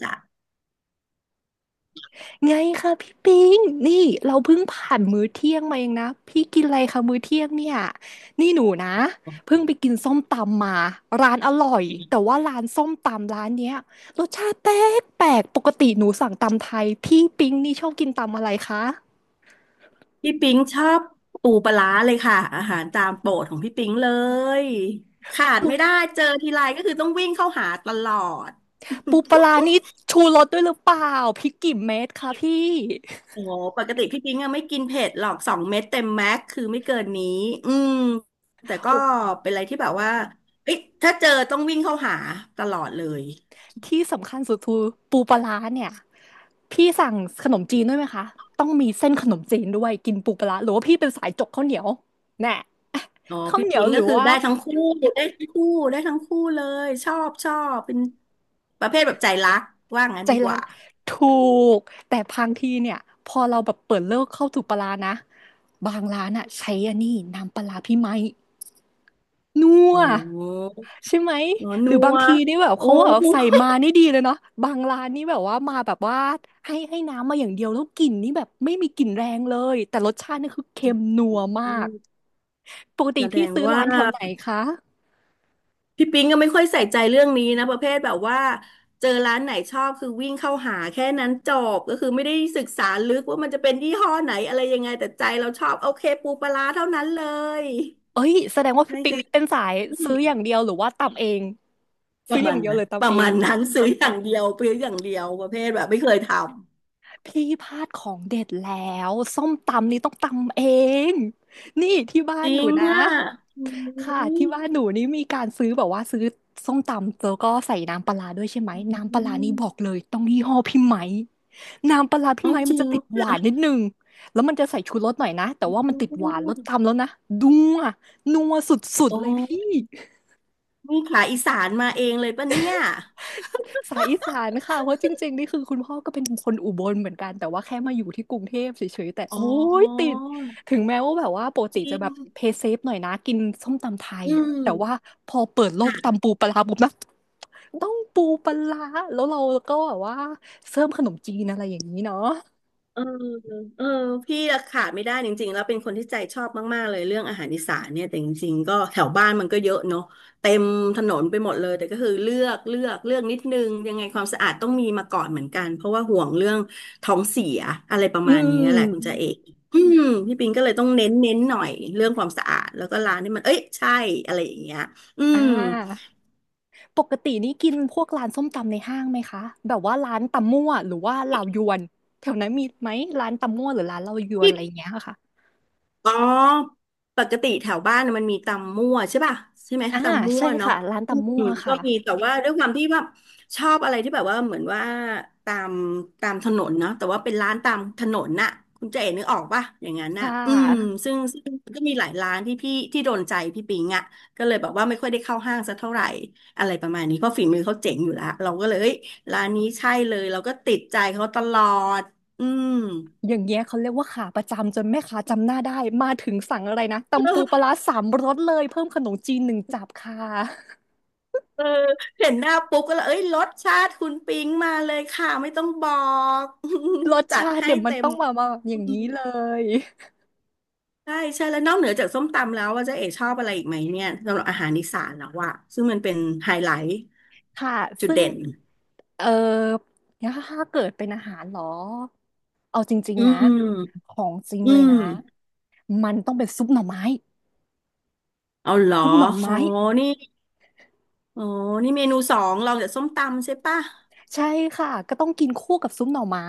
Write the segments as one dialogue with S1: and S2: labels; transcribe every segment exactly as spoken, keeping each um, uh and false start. S1: จ้ะ
S2: ไงคะพี่ปิงนี่เราเพิ่งผ่านมื้อเที่ยงมาเองนะพี่กินอะไรคะมื้อเที่ยงเนี่ยนี่หนูนะเพิ่งไปกินส้มตำมาร้านอร่อยแต่ว่าร้านส้มตำร้านเนี้ยรสชาติแปลกแปลกปกติหนูสั่งตำไทยพี่ปิงนี่ชอบกินตำอะไรคะ
S1: พี่ปิ๊งชอบปูปลาร้าเลยค่ะอาหารตามโปรดของพี่ปิ๊งเลยขาด
S2: ปู
S1: ไม่ได้เจอทีไรก็คือต้องวิ่งเข้าหาตลอด
S2: ปูปลา ร้านี่ชูรสด้วยหรือเปล่าพริกกี่เม็ดคะพี่
S1: โอ้โหปกติพี่ปิ๊งอะไม่กินเผ็ดหรอกสองเม็ดเต็มแม็กคือไม่เกินนี้อืมแต่ก็
S2: โอ้
S1: เป็นอะไรที่แบบว่าเอ้ยถ้าเจอต้องวิ่งเข้าหาตลอดเลย
S2: ที่สำคัญสุดคือปูปลาร้าเนี่ยพี่สั่งขนมจีนด้วยไหมคะต้องมีเส้นขนมจีนด้วยกินปูปลาร้าหรือว่าพี่เป็นสายจกข้าวเหนียวแน่
S1: อ๋อ
S2: ข้าว
S1: พี่
S2: เหนียว
S1: ปิ๊ง
S2: ห
S1: ก็
S2: รือ
S1: คือ
S2: ว่า
S1: ได้ทั้งคู่ได้ทั้งคู่ได้ทั้งคู่เลยชอบชอบเป็นประเภทแบบใจรักว่างั้น
S2: ใจ
S1: ดีก
S2: รัก
S1: ว่า
S2: ถูกแต่บางทีเนี่ยพอเราแบบเปิดเลิกเข้าถูกปลาร้านะบางร้านอะใช้อันนี้น้ำปลาร้าพี่ไม้ นัว
S1: โอ้
S2: ใช่ไหม
S1: หรอ
S2: หรื
S1: นั
S2: อบา
S1: ว
S2: งทีนี่แบบ
S1: โอ้
S2: เขาแบบใส่มานี่ดีเลยเนาะบางร้านนี่แบบว่ามาแบบว่าให้ให้น้ำมาอย่างเดียวแล้วกลิ่นนี่แบบไม่มีกลิ่นแรงเลยแต่รสชาตินี่คือเค็มนัวมา
S1: อื
S2: ก
S1: ม
S2: ปกติ
S1: แสด
S2: พี่
S1: ง
S2: ซื้อ
S1: ว่า
S2: ร้านแถวไหนคะ
S1: พี่ปิ๊งก็ไม่ค่อยใส่ใจเรื่องนี้นะประเภทแบบว่าเจอร้านไหนชอบคือวิ่งเข้าหาแค่นั้นจบก็คือไม่ได้ศึกษาลึกว่ามันจะเป็นยี่ห้อไหนอะไรยังไงแต่ใจเราชอบโอเคปูปลาร้าเท่านั้นเลย
S2: เอ้ยแสดงว่าพี่
S1: นั่น
S2: ปิง
S1: คือ
S2: นี่เป็นสายซื้ออย่างเดียวหรือว่าตำเอง
S1: ป
S2: ซื้อ
S1: ระ
S2: อ
S1: มา
S2: ย่าง
S1: ณ
S2: เดียว
S1: นั้
S2: เล
S1: น
S2: ย
S1: ป
S2: ตำ
S1: ระ
S2: เอง
S1: มาณนั้นซื้ออย่างเดียวซื้ออย่างเดียวประเภทแบบไม่เคยทำ
S2: พี่พลาดของเด็ดแล้วส้มตำนี่ต้องตำเองนี่ที่บ้า
S1: จ
S2: น
S1: ริ
S2: หนู
S1: ง
S2: นะ
S1: อ่ะอื
S2: ค่ะที่บ้าน
S1: ม
S2: หนูนี่มีการซื้อแบบว่าซื้อส้มตำแล้วก็ใส่น้ำปลาร้าด้วยใช่ไหม
S1: อ
S2: น้ำปลาร้านี่
S1: ม
S2: บอกเลยต้องยี่ห้อพี่ไหมน้ำปลาร้าพี่
S1: อ๋อ
S2: ไหม
S1: จ
S2: มัน
S1: ริ
S2: จะ
S1: ง
S2: ติดหวานนิด
S1: อ่ะ
S2: นึงแล้วมันจะใส่ชูรสหน่อยนะแต่ว่ามันติดหวานรสตำแล้วนะนัวนัวสุด
S1: โอ
S2: ๆเลยพี่
S1: ้ นี่ขาอีสานมาเองเลยปะเนี่ย
S2: สายอีสานค่ะเพราะจริงๆนี่คือคุณพ่อก็เป็นคนอุบลเหมือนกันแต่ว่าแค่มาอยู่ที่กรุงเทพเฉยๆแต่
S1: อ๋อ
S2: โอ้ยติดถึงแม้ว่าแบบว่าปก
S1: จ
S2: ติ
S1: ริ
S2: จะแบบ
S1: ง
S2: เพย์เซฟหน่อยนะกินส้มตำไทย
S1: อื
S2: แต่ว่า
S1: ม
S2: พอเปิดโลก
S1: ค่ะ
S2: ตำปูปลาร้าปุ๊บนะต้องปูปลาร้าแล้วเราก็แบบว่าเสริมขนมจีนอะไรอย่างนี้เนาะ
S1: เออเออพี่อะขาดไม่ได้จริงๆแล้วเป็นคนที่ใจชอบมากๆเลยเรื่องอาหารอีสานเนี่ยแต่จริงๆก็แถวบ้านมันก็เยอะเนาะเต็มถนนไปหมดเลยแต่ก็คือเลือกเลือกเลือกนิดนึงยังไงความสะอาดต้องมีมาก่อนเหมือนกันเพราะว่าห่วงเรื่องท้องเสียอะไรประ
S2: อื
S1: มาณนี้แหละคุณจ่าเอ
S2: ม
S1: กอืมพี่ปิงก็เลยต้องเน้นเน้นหน่อยเรื่องความสะอาดแล้วก็ร้านที่มันเอ้ยใช่อะไรอย่างเงี้ยอื
S2: อ่
S1: ม
S2: าปกตินี่กินพวกร้านส้มตำในห้างไหมคะแบบว่าร้านตำมั่วหรือว่าเหล่ายวนแถวนั้นมีไหมร้านตำมั่วหรือร้านเหล่ายวน
S1: พี่
S2: อะไรอย่างเงี้ยค่ะ
S1: อ๋อปกติแถวบ้านน่ะมันมีตำมั่วใช่ป่ะใช่ไหม
S2: อ่า
S1: ตำมั่ว
S2: ใช่
S1: เนาะ
S2: ค่ะร้าน
S1: อื
S2: ตำ
S1: ม
S2: มั่ว
S1: ก็
S2: ค่ะ
S1: มีแต่ว่าด้วยความที่แบบชอบอะไรที่แบบว่าเหมือนว่าตามตามถนนเนาะแต่ว่าเป็นร้านตามถนนน่ะคุณเจ๋นึกออกป่ะอย่างนั้นน่ะ
S2: ค่ะ
S1: อืมซึ่งซึ่งก็มีหลายร้านที่พี่ที่โดนใจพี่ปิงอ่ะก็เลยแบบว่าไม่ค่อยได้เข้าห้างสักเท่าไหร่อะไรประมาณนี้เพราะฝีมือเขาเจ๋งอยู่แล้วเราก็เลยเอ้ยร้านนี้ใช่เลยเราก็ติดใจเขาตลอดอืม
S2: อย่างเงี้ยเขาเรียกว่าขาประจำจนแม่ค้าจำหน้าได้มาถึงสั่งอะไรนะตำปูปลาร้าสามรสเลยเพิ่มขนมจีนหนึ่งจับค่ะ
S1: เออเห็นหน้าปุ๊บก็เลยเอ้ยรสชาติคุณปิ๊งมาเลยค่ะไม่ต้องบอก
S2: รส
S1: จัด
S2: ชาติ
S1: ให้
S2: เดี๋ยวมัน
S1: เต็ม
S2: ต้องมามาแบบอ
S1: อื
S2: ย่างนี้
S1: ม
S2: เลย
S1: ใช่ใช่แล้วนอกเหนือจากส้มตำแล้วว่าเจ๊เอ๋ชอบอะไรอีกไหมเนี่ยสำหรับอาหารอีสานแล้วว่าซึ่งมันเป็นไฮไลท์
S2: ค่ะ
S1: จุด
S2: ซึ่ง
S1: เด่น
S2: เออเนี่ยถ้าเกิดเป็นอาหารเหรอเอาจริง
S1: อื
S2: ๆนะ
S1: ม
S2: ของจริง
S1: อื
S2: เลย
S1: ม
S2: นะมันต้องเป็นซุปหน่อไม้
S1: เอาเหรอ
S2: ซุปหน่อ
S1: อ๋อ
S2: ไม้
S1: นี่อ๋อนี่เมนูสองรองจากส้มตำใช่ปะ
S2: ใช่ค่ะก็ต้องกินคู่กับซุปหน่อไม้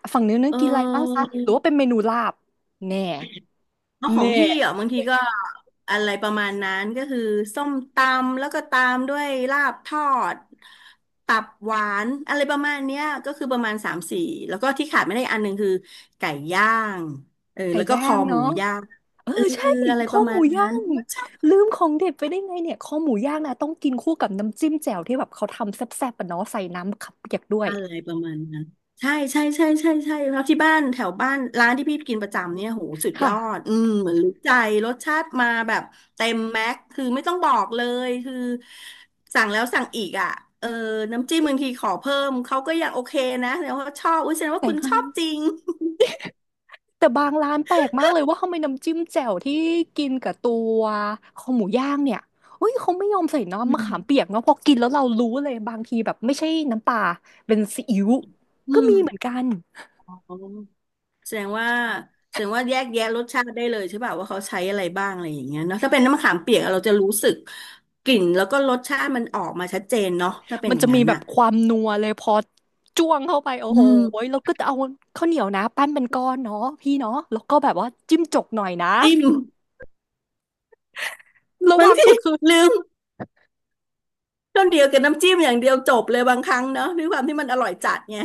S2: อ่ะฝั่งนู้นนั้
S1: เ
S2: นกินอะไรบ้างคะหรือว่า
S1: ออ
S2: เป็นเมนูลาบแน่
S1: แล้วขอ
S2: แน่
S1: งพี่อ่ะบางทีก็อะไรประมาณนั้นก็คือส้มตำแล้วก็ตามด้วยลาบทอดตับหวานอะไรประมาณเนี้ยก็คือประมาณสามสี่แล้วก็ที่ขาดไม่ได้อันหนึ่งคือไก่ย่างเออ
S2: ไก่
S1: แล้วก็
S2: ย่า
S1: คอ
S2: ง
S1: หมู
S2: เนาะ
S1: ย่าง
S2: เออ
S1: เออ
S2: ใช่
S1: อะไรป
S2: ข้อ
S1: ระ
S2: ห
S1: มา
S2: มู
S1: ณ
S2: ย่า
S1: นั้น
S2: งลืมของเด็ดไปได้ไงเนี่ยข้อหมูย่างนะต้องกินคู่กับน้ำจิ้มแจ่วที่แบบเขาทำแซ่บๆปะเนาะใส่น้ำขับเปียกด้วย
S1: อะไรประมาณนั้นใช่ใช่ใช่ใช่ใช่ครับที่บ้านแถวบ้านร้านที่พี่กินประจำเนี่ยโหสุดยอด
S2: ค่ะ
S1: อืมเหมือนรู้ใจรสชาติมาแบบเต็มแม็กคือไม่ต้องบอกเลยคือสั่งแล้วสั่งอีกอ่ะเออน้ำจิ้มบางทีขอเพิ่มเขาก็ยังโอเคนะแสดงว่าชอบอุ้ยแสดงว่า
S2: ใส่
S1: คุณ
S2: ให้
S1: ชอบจริง
S2: แต่บางร้านแปลกมากเลยว่าทำไมน้ำจิ้มแจ่วที่กินกับตัวคอหมูย่างเนี่ยเฮ้ยเขาไม่ยอมใส่
S1: อื
S2: น้ำมะขาม
S1: ม
S2: เปียกเนาะพอกินแล้วเรารู้เลยบางทีแบบไม่ใช่น้ำปลาเป็นซีอิ๊ว
S1: อื
S2: ก็
S1: ม
S2: มีเหมือนกัน
S1: อ๋อ แสดงว่าแสดงว่าแยกแยะรสชาติได้เลยใช่ป่ะว่าเขาใช้อะไรบ้างอะไรอย่างเงี้ยเนาะถ้าเป็นน้ำมะขามเปียกเราจะรู้สึกกลิ่นแล้วก็รสชาติมันออกมาชัดเจนเนาะถ้าเป็น
S2: มัน
S1: อย่า
S2: จะ
S1: ง
S2: มี
S1: นั้น
S2: แบบ
S1: น่ะ
S2: ความนัวเลยพอจ้วงเข้าไปโอ้
S1: อื
S2: โห
S1: ม
S2: แล้วก็จะเอาข้าวเหนียวนะปั้นเป็นก้อนเนาะพี่เนาะแล้วก็แบบว่าจิ้มจกหน่อยนะ
S1: จิ้ม
S2: ระ
S1: บาง
S2: วัง
S1: ที
S2: สุดคือ
S1: ลืมต้นเดียวกับน้ำจิ้มอย่างเดียวจบเลยบางครั้งเนาะด้วยความที่มันอร่อยจัดไง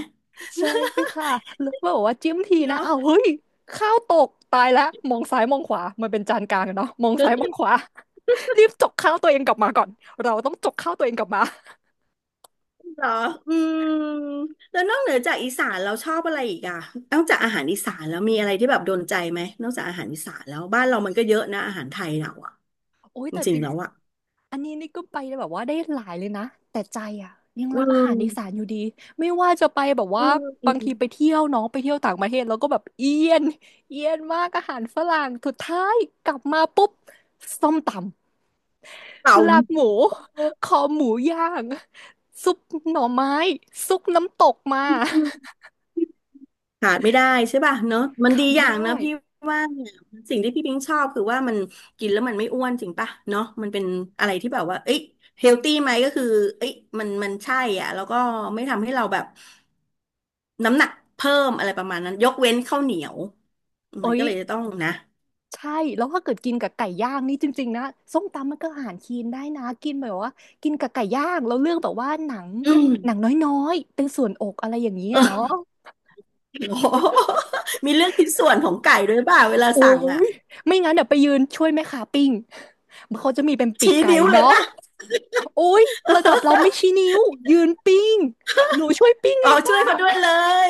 S2: ใช่ค่ะแล้วบอกว่าจิ้มทีนะ
S1: เนาะ
S2: อ้าวเฮ้ยข้าวตกตายแล้วมองซ้ายมองขวามันเป็นจานกลางอะเนาะมองซ้ายมอ
S1: เ
S2: งขวา รีบจกข้าวตัวเองกลับมาก่อน เราต้องจกข้าวตัวเองกลับมา
S1: หรออืมแล้วนอกเหนือจากอีสานเราชอบอะไรอีกอะนอกจากอาหารอีสานแล้วมีอะไรที่แบบโดนใจไหมนอกจากอาหารอีสานแล้วบ้านเรามันก็เยอะนะอาหารไทยเราอะ
S2: โอ้ย
S1: จ
S2: แต่
S1: ริ
S2: จ
S1: ง
S2: ริ
S1: ๆ
S2: ง
S1: แล้วอะ
S2: อันนี้นี่ก็ไปแบบว่าได้หลายเลยนะแต่ใจอ่ะยัง
S1: อื
S2: รักอาหารอีสาน
S1: ม
S2: อยู่ดีไม่ว่าจะไปแบบ
S1: อื
S2: ว่าบางทีไป
S1: ม
S2: เที่ยวเน้องไปเที่ยวต่างประเทศแล้วก็แบบเอียนเอียนมากอาหารฝรั่งสุดท้ายกลับมาปุ๊บส้มตำ
S1: เต่า
S2: ลาบหมูคอหมูย่างซุปหน่อไม้ซุปน้ำตกมา
S1: ขาดไม่ได้ใช่ป่ะเนอะมัน
S2: ขา
S1: ดี
S2: ด
S1: อ
S2: ไม่
S1: ย่าง
S2: ได้
S1: นะพี่ว่าเนี่ยสิ่งที่พี่พิงชอบคือว่ามันกินแล้วมันไม่อ้วนจริงป่ะเนอะมันเป็นอะไรที่แบบว่าเอ้ยเฮลตี้ไหมก็คือเอ้ยมันมันใช่อ่ะแล้วก็ไม่ทำให้เราแบบน้ำหนักเพิ่มอะไรประมาณนั้นยกเว้นข้าวเหนียว
S2: โอ้
S1: มัน
S2: ย
S1: ก็เลยจะต้องนะ
S2: ใช่แล้วถ้าเกิดกินกับไก่ย่างนี่จริงๆนะส้มตำมันก็อาหารคีนได้นะกินแบบว่ากินกับไก่ย่างแล้วเลือกแบบว่าหนัง
S1: อื
S2: หนัง
S1: ม
S2: น้อยๆเป็นส่วนอกอะไรอย่างนี้ย
S1: เอ
S2: เนาะ
S1: อโอ้โหมีเรื่องชิ้นส่วนของไก่ด้วยป่ะเวลา
S2: โอ้
S1: สั่งอ่ะ
S2: ยไม่งั้นเดี๋ยวไปยืนช่วยแม่ค้าปิ้งเขาจะมีเป็นปีก
S1: ชี้
S2: ไก่
S1: นิ้วเลย
S2: เนาะ
S1: ป่ะ
S2: โอ้ยระดับเราไม่ ชี้นิ้วยืนปิ้งหนูช่วยปิ้งเอ
S1: อ๋อ
S2: ง
S1: ช่ว
S2: ป้า
S1: ยเขาด้วยเลย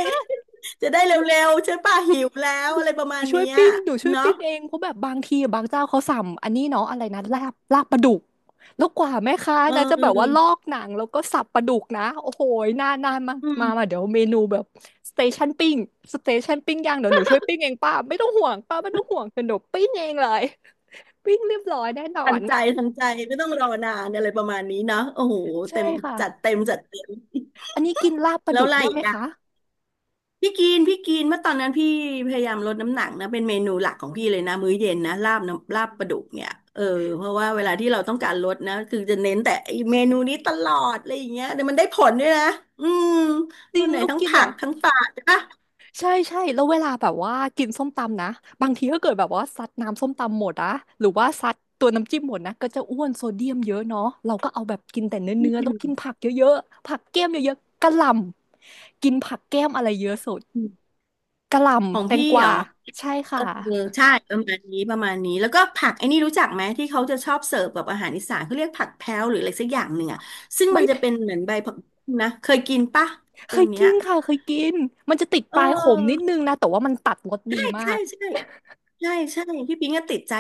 S1: จะได้เร็วๆใช่ป่ะหิวแล้วอะไรประมาณ
S2: ช่ว
S1: เนี้
S2: ย
S1: ย
S2: ปิ้งหนูช่วย
S1: เนาะ
S2: ปิ้งเองเพราะแบบบางทีบางเจ้าเขาสั่งอันนี้เนาะอะไรนะลาบลาบปลาดุกแล้วกว่าแม่ค้า
S1: เ
S2: นะจะแบบว่าล
S1: ออ
S2: อกหนังแล้วก็สับปลาดุกนะโอ้โหนานนานมา
S1: อืม
S2: มามาเดี๋ยวเมนูแบบสเตชันปิ้งสเตชันปิ้งย่างเดี๋ยวหนูช่วยปิ้งเองป้าไม่ต้องห่วงป้าไม่ต้องห่วงเดี๋ยวหนูปิ้งเองเลยปิ้งเรียบร้อยแน่นอ
S1: ทัน
S2: น
S1: ใจทันใจไม่ต้องรอนานอะไรประมาณนี้เนาะโอ้โห
S2: ใช่
S1: เต็ม
S2: ค่ะ
S1: จัดเต็มจัดเต็ม
S2: อันนี้กินลาบปลา
S1: แล้
S2: ดุ
S1: ว
S2: ก
S1: อะไร
S2: ด้วย
S1: อี
S2: ไหม
S1: กอ่ะ
S2: คะ
S1: พี่กินพี่กินเมื่อตอนนั้นพี่พยายามลดน้ำหนักนะเป็นเมนูหลักของพี่เลยนะมื้อเย็นนะลาบน้ำลาบปลาดุกเนี่ยเออเพราะว่าเวลาที่เราต้องการลดนะคือจะเน้นแต่ไอ้เมนูนี้ตลอดอะไรอย่างเงี้ยแต่มันได้ผลด้วยนะอืม
S2: จ
S1: ต
S2: ริ
S1: อน
S2: ง
S1: ไหน
S2: แล้ว
S1: ทั้ง
S2: กิน
S1: ผัก
S2: อ่ะ
S1: ทั้งปลาใช่ปะ
S2: ใช่ใช่แล้วเวลาแบบว่ากินส้มตำนะบางทีก็เกิดแบบว่าซัดน้ำส้มตำหมดอะหรือว่าซัดตัวน้ำจิ้มหมดนะก็จะอ้วนโซเดียมเยอะเนาะเราก็เอาแบบกินแต่
S1: อื
S2: เนื้อๆแล้วกิ
S1: ม
S2: นผักเยอะๆผักแก้มเยอะๆกะหล่ำกินผักแก้มอะไรเยอะสุดกะหล่
S1: ของ
S2: ำแตง
S1: พี่
S2: ก
S1: เหร
S2: วา
S1: อ
S2: ใช่
S1: เอ
S2: ค่ะ
S1: อใช่ประมาณนี้ประมาณนี้แล้วก็ผักไอ้นี่รู้จักไหมที่เขาจะชอบเสิร์ฟแบบอาหารอีสานเขาเรียกผักแพ้วหรืออะไรสักอย่างหนึ่งอ่ะซึ่ง
S2: ใบ
S1: มันจะ
S2: เบ
S1: เป็นเหมือนใบผักบุ้งนะเคยกินปะ
S2: เค
S1: ตัว
S2: ย
S1: เนี้
S2: กิ
S1: ย
S2: นค่ะเคยกินมันจะติด
S1: เ
S2: ปลายขมนิด
S1: ออ
S2: นึงนะแต่ว่ามันตัดรสดี
S1: ใช่
S2: มา
S1: ใช่
S2: ก
S1: ใช่ใช่ใช่พี่ปิงก็ติดใจ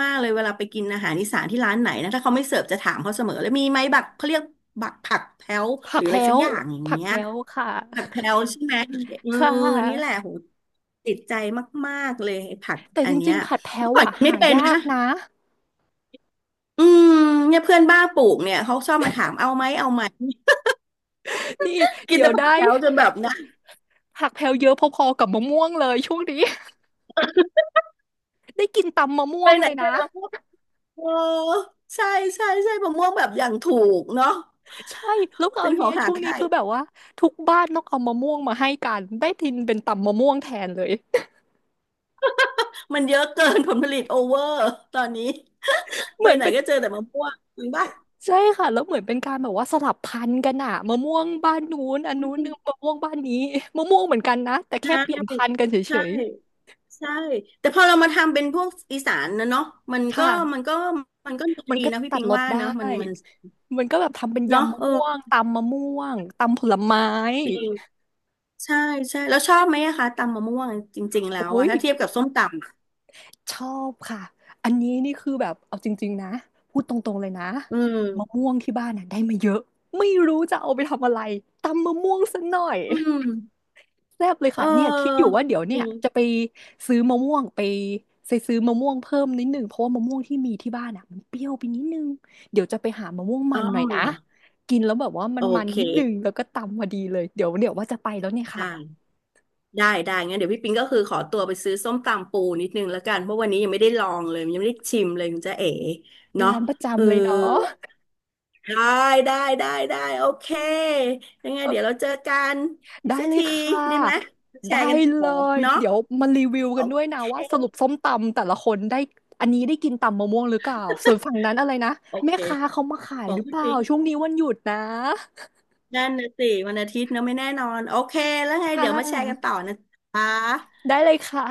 S1: มากๆเลยเวลาไปกินอาหารอีสานที่ร้านไหนนะถ้าเขาไม่เสิร์ฟจะถามเขาเสมอเลยมีไหมบักเขาเรียกบักผักแพ้วห
S2: ผั
S1: รื
S2: ก
S1: ออะไร
S2: แพ้
S1: สัก
S2: ว
S1: อย่างอย่าง
S2: ผัก
S1: เงี้ย
S2: แพ้วค่ะ
S1: ผักแพลวใช่ไหมเออ
S2: ค่
S1: นี่แหละ
S2: ะ
S1: โหติดใจมากๆเลยไอ้ผัก
S2: แต่
S1: อั
S2: จ
S1: นเนี้
S2: ริง
S1: ย
S2: ๆผัดแพ้
S1: เมื่
S2: ว
S1: อก่อน
S2: อ่ะ
S1: กินไม่
S2: หา
S1: เป็น
S2: ยาก
S1: นะ
S2: นะ
S1: อืมเนี่ยเพื่อนบ้าปลูกเนี่ยเขาชอบมาถามเอาไหมเอาไหม
S2: นี่
S1: กิน
S2: เดี๋ย
S1: แต่
S2: ว
S1: ผัก
S2: ได้
S1: แถวจนแบบนะ
S2: ผักแพลวเยอะพอๆกับมะม่วงเลยช่วงนี้ ได้กินตำมะม่
S1: ไป
S2: วง
S1: ไหน
S2: เลย
S1: ไป
S2: นะ
S1: มะม่วงเออใช่ใช่ใช่มะม่วงแบบอย่างถูกเนาะ
S2: ใช่แล้วครา
S1: เป็
S2: ว
S1: นข
S2: เนี้
S1: อ
S2: ย
S1: งหา
S2: ช่วงนี้
S1: ง่าย
S2: คือแบบว่าทุกบ้านต้องเอามะม่วงมาให้กันได้ทินเป็นตำมะม่วงแทนเลย
S1: มันเยอะเกินผลผลิตโอเวอร์ตอนนี้
S2: เห
S1: ไป
S2: มือน
S1: ไหน
S2: เป็น
S1: ก็เจอแต่มะม่วงจริงปะ
S2: ใช่ค่ะแล้วเหมือนเป็นการแบบว่าสลับพันธุ์กันอะมะม่วงบ้านนู้นอันนู้นนึงมะม่วงบ้านนี้มะม่วงเหมือนกันนะแต่แค่
S1: ใช่
S2: เปลี่ยนพันธุ์กันเฉ
S1: ใช่
S2: ย
S1: ใช่แต่พอเรามาทำเป็นพวกอีสานนะเนาะมัน
S2: ๆ
S1: ก็
S2: ค่ะ
S1: มันก็มันก็
S2: มัน
S1: ดี
S2: ก็
S1: นะพี่
S2: ตัด
S1: ปิง
S2: รส
S1: ว่า
S2: ได้
S1: เนาะมันมัน
S2: มันก็แบบทำเป็น
S1: เนาะ
S2: ยำมะ
S1: เออ
S2: ม่วงตำมะม่วงตำผลไม้
S1: ดี ใช่ใช่แล้วชอบไหมอะคะตำมะม่วงจริงๆแล้ว
S2: โอ้
S1: อะ
S2: ย
S1: ถ้าเทียบกับส้มตำอะ
S2: ชอบค่ะ อันนี้นี่คือแบบเอาจริงๆนะพูดตรงๆเลยนะ
S1: อื
S2: มะ
S1: ม
S2: ม่วงที่บ้านน่ะได้มาเยอะไม่รู้จะเอาไปทำอะไรตำมะม่วงซะหน่อย
S1: อืม
S2: แซ่บเลย
S1: เ
S2: ค่ะเนี่ยคิดอยู่
S1: ออ
S2: ว่าเดี๋ยว
S1: จ
S2: เนี่ย
S1: ริ
S2: จะ
S1: ง
S2: ไปซื้อมะม่วงไปไปซื้อมะม่วงเพิ่มนิดนึงเพราะว่ามะม่วงที่มีที่บ้านอ่ะมันเปรี้ยวไปนิดนึงเดี๋ยวจะไปหามะม่วงมั
S1: อ้า
S2: นหน่อ
S1: ว
S2: ย
S1: เห
S2: นะ
S1: รอ
S2: กินแล้วแบบว่ามั
S1: โอ
S2: นมัน
S1: เค
S2: นิดนึงแล้วก็ตำพอดีเลยเดี๋ยวเดี๋ยวว่าจะไปแล้วเนี่ยค่ะ
S1: ได้ได้ได้งั้นเดี๋ยวพี่ปิงก็คือขอตัวไปซื้อส้มตำปูนิดนึงแล้วกันเพราะวันนี้ยังไม่ได้ลองเลยยังไม่ได้ชิมเลยคุณจ๊ะเอ๋เนาะ
S2: ร้านประ
S1: เออ
S2: จำเลยเนาะ
S1: ได้ได้ได้ได้โอเคยังไง
S2: เออ
S1: เดี๋ยวเราเจอกันอีก
S2: ได้
S1: สัก
S2: เลย
S1: ที
S2: ค่ะ
S1: ดีไหมแช
S2: ได้
S1: ร์กัน
S2: เล
S1: ต่อ
S2: ย
S1: เนาะ
S2: เดี๋ยวมารีวิว
S1: โอ
S2: กันด้วยนะ
S1: เค
S2: ว่าสรุปส้มตำแต่ละคนได้อันนี้ได้กินตำมะม่วงหรือเปล่า ส่วนฝั่งนั้นอะไรนะ
S1: โอ
S2: แม่
S1: เค
S2: ค้าเขามาขา
S1: ข
S2: ย
S1: อ
S2: ห
S1: ง
S2: รือเป
S1: พี่
S2: ล่า
S1: ปิง
S2: ช่วงนี้วันหยุดนะ
S1: นั่นนะสิวันอาทิตย์เนอะไม่แน่นอนโอเคแล้วไง
S2: ค่
S1: เดี๋ยวมาแชร์กันต่อ
S2: ะ
S1: นะคะ
S2: ได้เลยค่ะ